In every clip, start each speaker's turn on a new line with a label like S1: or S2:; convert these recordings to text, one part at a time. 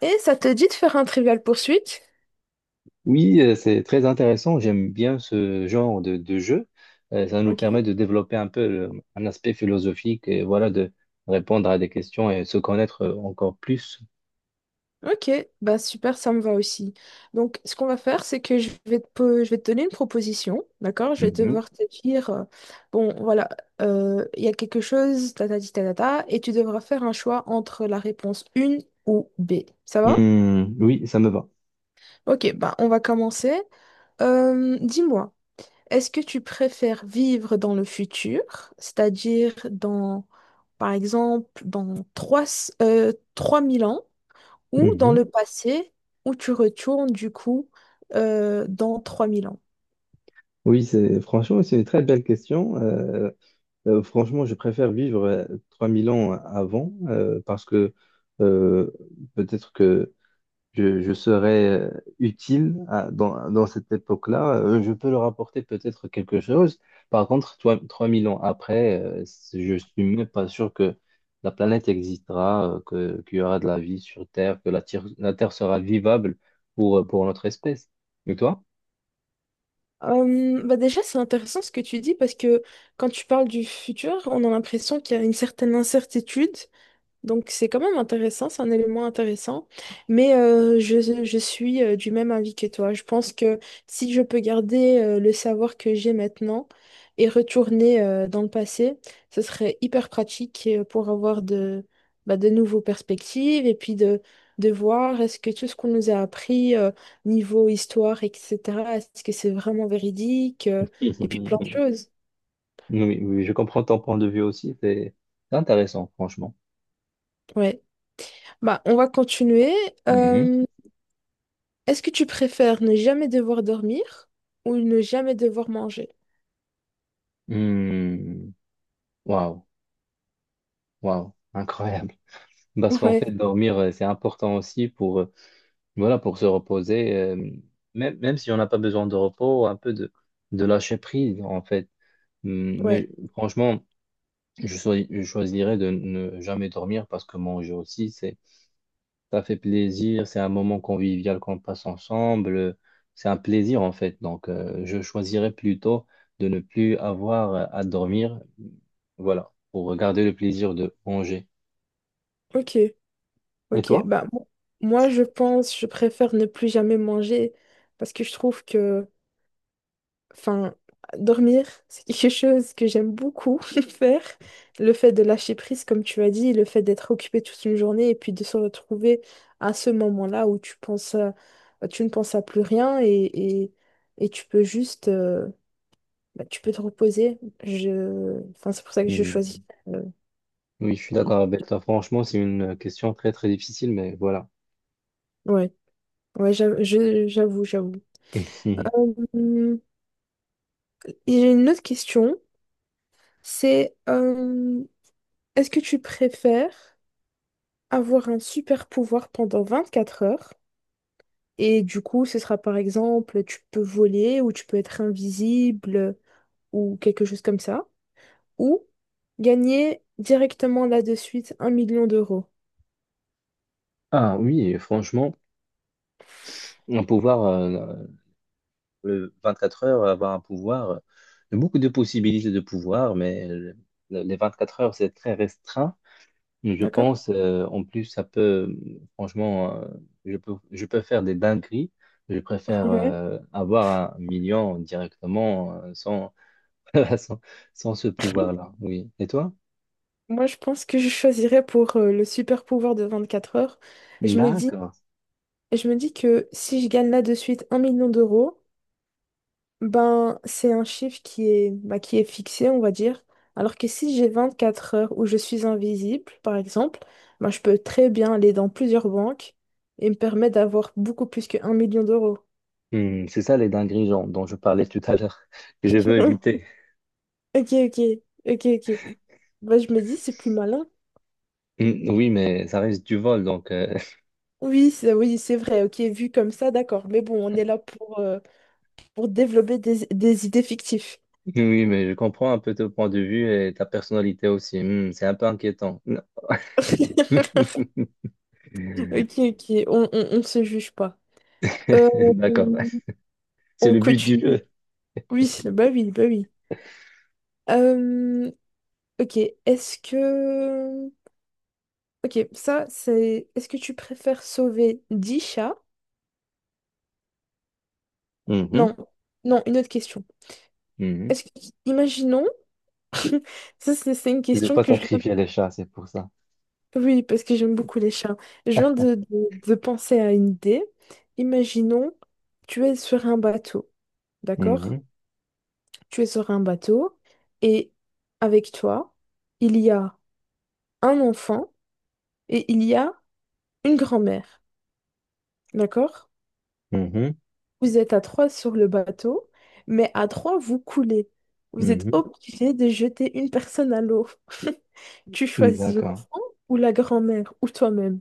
S1: Et ça te dit de faire un trivial poursuite?
S2: Oui, c'est très intéressant. J'aime bien ce genre de jeu. Ça nous permet
S1: Ok.
S2: de développer un peu un aspect philosophique et voilà, de répondre à des questions et se connaître encore plus.
S1: Ok, bah super, ça me va aussi. Donc, ce qu'on va faire, c'est que je vais te donner une proposition, d'accord? Je vais
S2: Mhm.
S1: devoir te dire, bon, voilà, il y a quelque chose, ta ta ti, ta ta ta, et tu devras faire un choix entre la réponse 1 ou B. Ça va?
S2: Hmm, oui, ça me va.
S1: Ok, bah on va commencer. Dis-moi, est-ce que tu préfères vivre dans le futur, c'est-à-dire dans, par exemple, dans 3 000 ans? Ou dans
S2: Mhm.
S1: le passé, où tu retournes du coup, dans 3 000 ans?
S2: Oui, c'est franchement, c'est une très belle question. Franchement, je préfère vivre 3000 ans avant parce que euh, peut-être que je serais dans cette époque-là, je peux leur apporter peut-être quelque chose. Par contre, toi, 3000 ans après, je suis même pas sûr que la planète existera, qu'il y aura de la vie sur Terre, que la Terre sera vivable pour notre espèce. Et toi?
S1: Bah déjà, c'est intéressant ce que tu dis, parce que quand tu parles du futur, on a l'impression qu'il y a une certaine incertitude. Donc c'est quand même intéressant, c'est un élément intéressant. Mais je suis, du même avis que toi. Je pense que si je peux garder, le savoir que j'ai maintenant et retourner, dans le passé, ce serait hyper pratique, pour avoir de, bah, de nouveaux perspectives et puis de voir est-ce que tout ce qu'on nous a appris, niveau histoire, etc., est-ce que c'est vraiment véridique, et puis plein de choses.
S2: Oui, oui, je comprends ton point de vue aussi, c'est intéressant, franchement.
S1: Ouais. Bah, on va continuer.
S2: Mhm.
S1: Euh, Est-ce que tu préfères ne jamais devoir dormir ou ne jamais devoir manger?
S2: Hmm. Waouh, waouh, incroyable. Parce qu'en
S1: Ouais,
S2: fait, dormir, c'est important aussi pour, voilà, pour se reposer, même si on n'a pas besoin de repos, un peu de lâcher prise, en fait.
S1: ouais,
S2: Mais franchement, je choisirais de ne jamais dormir parce que manger aussi, ça fait plaisir, c'est un moment convivial qu'on passe ensemble, c'est un plaisir, en fait. Donc, je choisirais plutôt de ne plus avoir à dormir, voilà, pour garder le plaisir de manger.
S1: ok,
S2: Et
S1: ok.
S2: toi?
S1: Bah, moi, je pense, je préfère ne plus jamais manger parce que je trouve que, enfin, dormir, c'est quelque chose que j'aime beaucoup faire. Le fait de lâcher prise, comme tu as dit, le fait d'être occupé toute une journée et puis de se retrouver à ce moment-là où tu ne penses à plus rien, et, et tu peux juste, bah, tu peux te reposer. Je... Enfin, c'est pour ça que je choisis.
S2: Hum,
S1: euh,
S2: Oui, je suis d'accord avec toi. Franchement, c'est une question très, très difficile, mais voilà.
S1: Ouais, ouais, j'avoue, j'avoue. Hum, Et j'ai une autre question. C'est, est-ce que tu préfères avoir un super pouvoir pendant 24 heures? Et du coup, ce sera par exemple, tu peux voler ou tu peux être invisible ou quelque chose comme ça. Ou gagner directement là de suite 1 million d'euros.
S2: Ah oui, franchement, un pouvoir, le 24 heures, avoir un pouvoir, il y a beaucoup de possibilités de pouvoir, mais les 24 heures, c'est très restreint. Je
S1: D'accord?
S2: pense, en plus, ça peut, franchement, je peux faire des dingueries. Je préfère avoir un million directement sans, sans, sans ce pouvoir-là. Oui. Et toi?
S1: Moi, je pense que je choisirais pour, le super pouvoir de 24 heures. Et Je me dis,
S2: D'accord.
S1: je me dis que si je gagne là de suite un million d'euros, ben c'est un chiffre qui est, bah, qui est fixé, on va dire. Alors que si j'ai 24 heures où je suis invisible, par exemple, ben, je peux très bien aller dans plusieurs banques et me permettre d'avoir beaucoup plus que 1 million d'euros.
S2: Hmm, c'est ça les dingueries genre, dont je parlais tout à l'heure, que je veux éviter.
S1: Ok, ok, ok, ok. Bah, je me dis, c'est plus malin.
S2: Mm, oui, mais ça reste du vol, donc
S1: Oui, c'est vrai, ok, vu comme ça, d'accord. Mais bon, on est là pour développer des idées fictives.
S2: oui, mais je comprends un peu ton point de vue et ta personnalité aussi. Mm, c'est un peu inquiétant. Non.
S1: Ok, ok, on se juge pas. Euh,
S2: D'accord, c'est
S1: on
S2: le but du
S1: continue.
S2: jeu.
S1: Oui, bah oui, bah oui. Euh, ok, est-ce que... Ok, ça, c'est... Est-ce que tu préfères sauver 10 chats? Non,
S2: Mhm,
S1: non, une autre question.
S2: mhm.
S1: Est-ce que... Imaginons... Ça, c'est une
S2: Tu veux
S1: question
S2: pas
S1: que je...
S2: sacrifier les chats, c'est pour ça.
S1: Oui, parce que j'aime beaucoup les chats. Je viens de penser à une idée. Imaginons, tu es sur un bateau, d'accord?
S2: Mhm,
S1: Tu es sur un bateau et avec toi, il y a un enfant et il y a une grand-mère. D'accord?
S2: mhm,
S1: Vous êtes à trois sur le bateau, mais à trois, vous coulez. Vous êtes
S2: mhm.
S1: obligé de jeter une personne à l'eau. Tu
S2: Mm,
S1: choisis
S2: d'accord.
S1: l'enfant ou la grand-mère ou toi-même.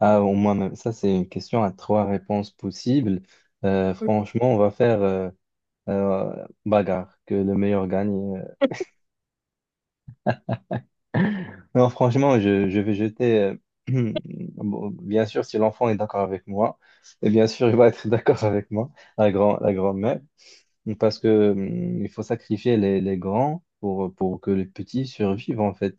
S2: Ah, au moins, ça, c'est une question à trois réponses possibles.
S1: Oui,
S2: Franchement, on va faire bagarre, que le meilleur gagne. Non, franchement, je vais jeter. euh, bon, bien sûr, si l'enfant est d'accord avec moi, et bien sûr, il va être d'accord avec moi, la grand-mère, parce que il faut sacrifier les grands pour que les petits survivent, en fait.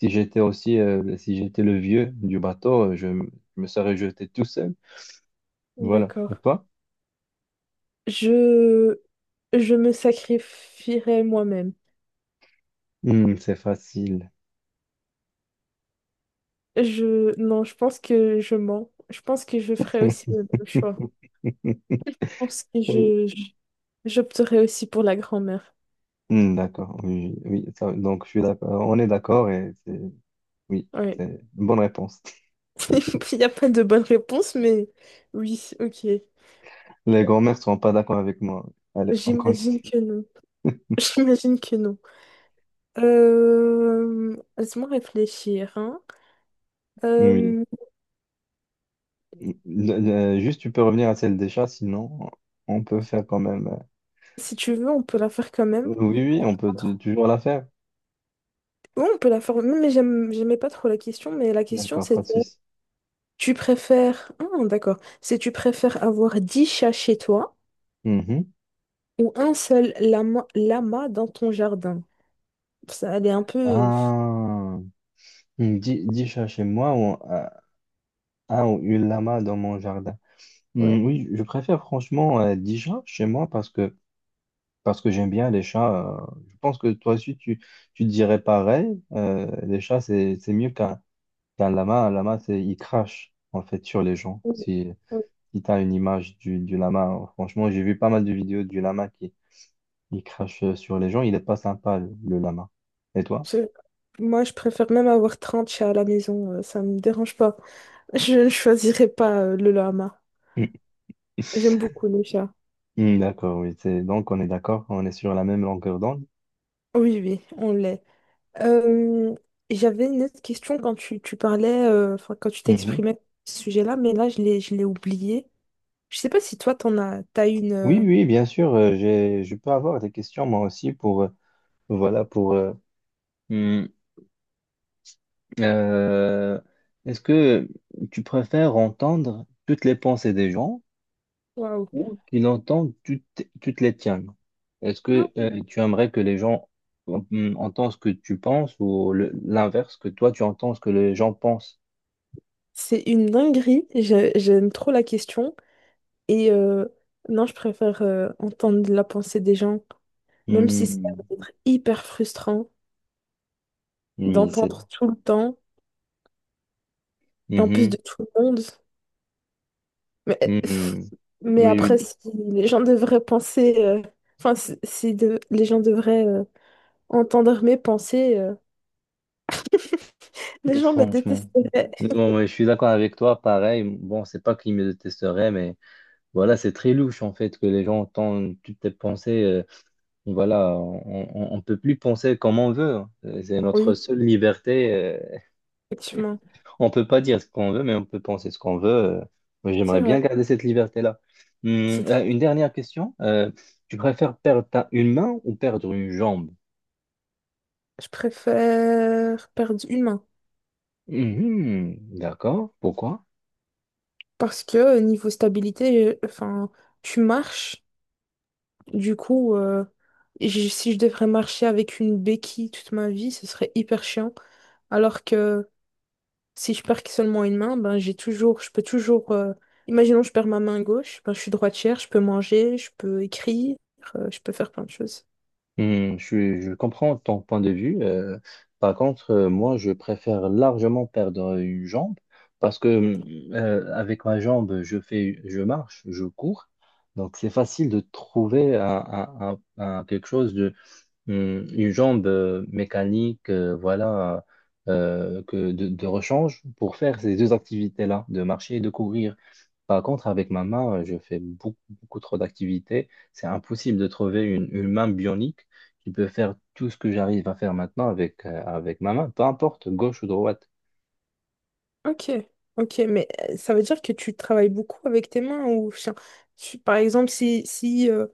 S2: Si j'étais aussi, si j'étais le vieux du bateau, je me serais jeté tout seul. Voilà. Et
S1: d'accord.
S2: toi?
S1: Je... je me sacrifierai moi-même.
S2: C'est facile.
S1: Non, je pense que je mens. Je pense que je ferai aussi le même choix. Je pense que j'opterais aussi pour la grand-mère.
S2: D'accord. Oui, oui, donc, je suis d'accord. On est d'accord et c'est, oui,
S1: Ouais.
S2: c'est une bonne réponse.
S1: Il n'y a pas de bonne réponse, mais oui, ok.
S2: Les grands-mères seront pas d'accord avec moi. Allez, on
S1: J'imagine
S2: continue.
S1: que non. J'imagine que non. Laisse-moi réfléchir, hein.
S2: Oui.
S1: Euh,
S2: Juste, tu peux revenir à celle des chats, sinon on peut faire quand même.
S1: Si tu veux, on peut la faire quand même.
S2: Oui, oui,
S1: Oui,
S2: on peut toujours la faire.
S1: on peut la faire. Mais j'aimais pas trop la question, mais la question
S2: D'accord, pas de
S1: c'était,
S2: souci.
S1: tu préfères... Ah, d'accord. C'est, tu préfères avoir 10 chats chez toi
S2: Mhm.
S1: ou un seul lama dans ton jardin. Ça, elle est un peu...
S2: Ah, dix chats chez moi ou un ou une lama dans mon jardin.
S1: Ouais.
S2: Hmm, oui, je préfère franchement dix chats chez moi parce que j'aime bien les chats. Je pense que toi aussi tu dirais pareil. Les chats c'est mieux qu'un. Un lama, il crache en fait sur les gens.
S1: Mm,
S2: Si,
S1: mm.
S2: si tu as une image du lama, franchement, j'ai vu pas mal de vidéos du lama qui il crache sur les gens. Il est pas sympa, le lama. Et toi?
S1: C'est- Moi, je préfère même avoir 30 chats à la maison, ça me dérange pas. Je ne choisirais pas, le lama. J'aime beaucoup les chats.
S2: Mm. Mm, d'accord, oui. Donc, on est d'accord, on est sur la même longueur d'onde.
S1: Oui, oui, on l'est. Euh, J'avais une autre question quand tu parlais, enfin, quand tu
S2: Mhm.
S1: t'exprimais à ce sujet-là, mais là, je l'ai oublié. Je sais pas si toi, t'as une.
S2: Oui, oui, bien sûr. Je peux avoir des questions moi aussi pour, voilà, pour. Mm, euh, Est-ce que tu préfères entendre toutes les pensées des gens?
S1: Waouh.
S2: Ou qui l'entendent, tu te les tiens. Est-ce que tu aimerais que les gens entendent ce que tu penses ou l'inverse, que toi tu entends ce que les gens pensent?
S1: C'est une dinguerie, j'aime trop la question. Et, non, je préfère, entendre la pensée des gens, même si ça
S2: Hmm,
S1: va être hyper frustrant
S2: oui, c'est.
S1: d'entendre tout le temps, et en plus
S2: Mhm,
S1: de tout le monde. Mais, pff,
S2: mhm.
S1: mais après,
S2: Oui,
S1: si les gens devraient penser, enfin, si les gens devraient, entendre mes pensées, les
S2: oui,
S1: gens me
S2: franchement.
S1: détesteraient.
S2: Bon, ouais, je suis d'accord avec toi, pareil. Bon, c'est pas qu'il me détesterait, mais voilà, c'est très louche en fait que les gens entendent toutes tes pensées. Voilà, on peut plus penser comme on veut, hein. C'est notre
S1: Oui,
S2: seule liberté.
S1: effectivement,
S2: On peut pas dire ce qu'on veut, mais on peut penser ce qu'on veut. Moi,
S1: c'est
S2: j'aimerais bien
S1: vrai.
S2: garder cette liberté-là.
S1: C'est très...
S2: Une dernière question. Tu préfères perdre une main ou perdre une jambe?
S1: Je préfère perdre une main
S2: Mhm, d'accord. Pourquoi?
S1: parce que, niveau stabilité, enfin, tu marches, du coup, si je devrais marcher avec une béquille toute ma vie, ce serait hyper chiant. Alors que, si je perds que seulement une main, ben j'ai toujours, je peux toujours. Imaginons, je perds ma main gauche, ben je suis droitière, je peux manger, je peux écrire, je peux faire plein de choses.
S2: Je comprends ton point de vue. Par contre, moi, je préfère largement perdre une jambe parce que avec ma jambe, je marche, je cours. Donc, c'est facile de trouver quelque chose une jambe mécanique, voilà, que de rechange pour faire ces deux activités-là, de marcher et de courir. Par contre, avec ma main, je fais beaucoup, beaucoup trop d'activités. C'est impossible de trouver une main bionique qui peut faire tout ce que j'arrive à faire maintenant avec ma main, peu importe, gauche ou droite.
S1: Ok, ok, mais ça veut dire que tu travailles beaucoup avec tes mains ou enfin, par exemple, si, si euh,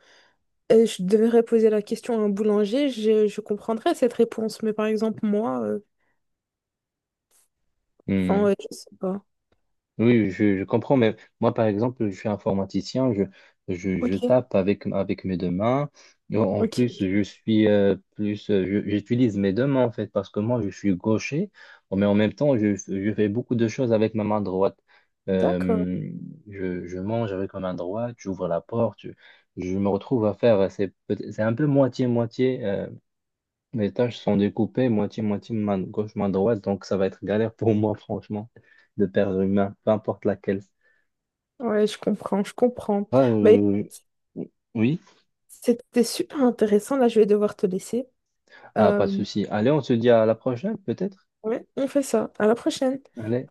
S1: euh, je devrais poser la question à un boulanger, je comprendrais cette réponse, mais par exemple, moi, enfin,
S2: Hmm.
S1: ouais, je sais pas.
S2: Oui, oui, je comprends, mais moi, par exemple, je suis informaticien, je
S1: Ok,
S2: tape avec mes deux mains. En
S1: ok,
S2: plus, je
S1: ok.
S2: suis plus, j'utilise mes deux mains, en fait, parce que moi, je suis gaucher, mais en même temps, je fais beaucoup de choses avec ma main droite.
S1: D'accord.
S2: Euh, je mange avec ma main droite, j'ouvre la porte, je me retrouve à faire, c'est un peu moitié-moitié, mes tâches sont découpées moitié-moitié, main gauche, main droite, donc ça va être galère pour moi, franchement, de perdre une main, peu importe laquelle.
S1: Ouais, je comprends, je comprends.
S2: Ah,
S1: Ben,
S2: oui,
S1: c'était super intéressant. Là, je vais devoir te laisser.
S2: ah,
S1: Euh,
S2: pas de souci. Allez, on se dit à la prochaine, peut-être?
S1: Oui, on fait ça. À la prochaine.
S2: Allez.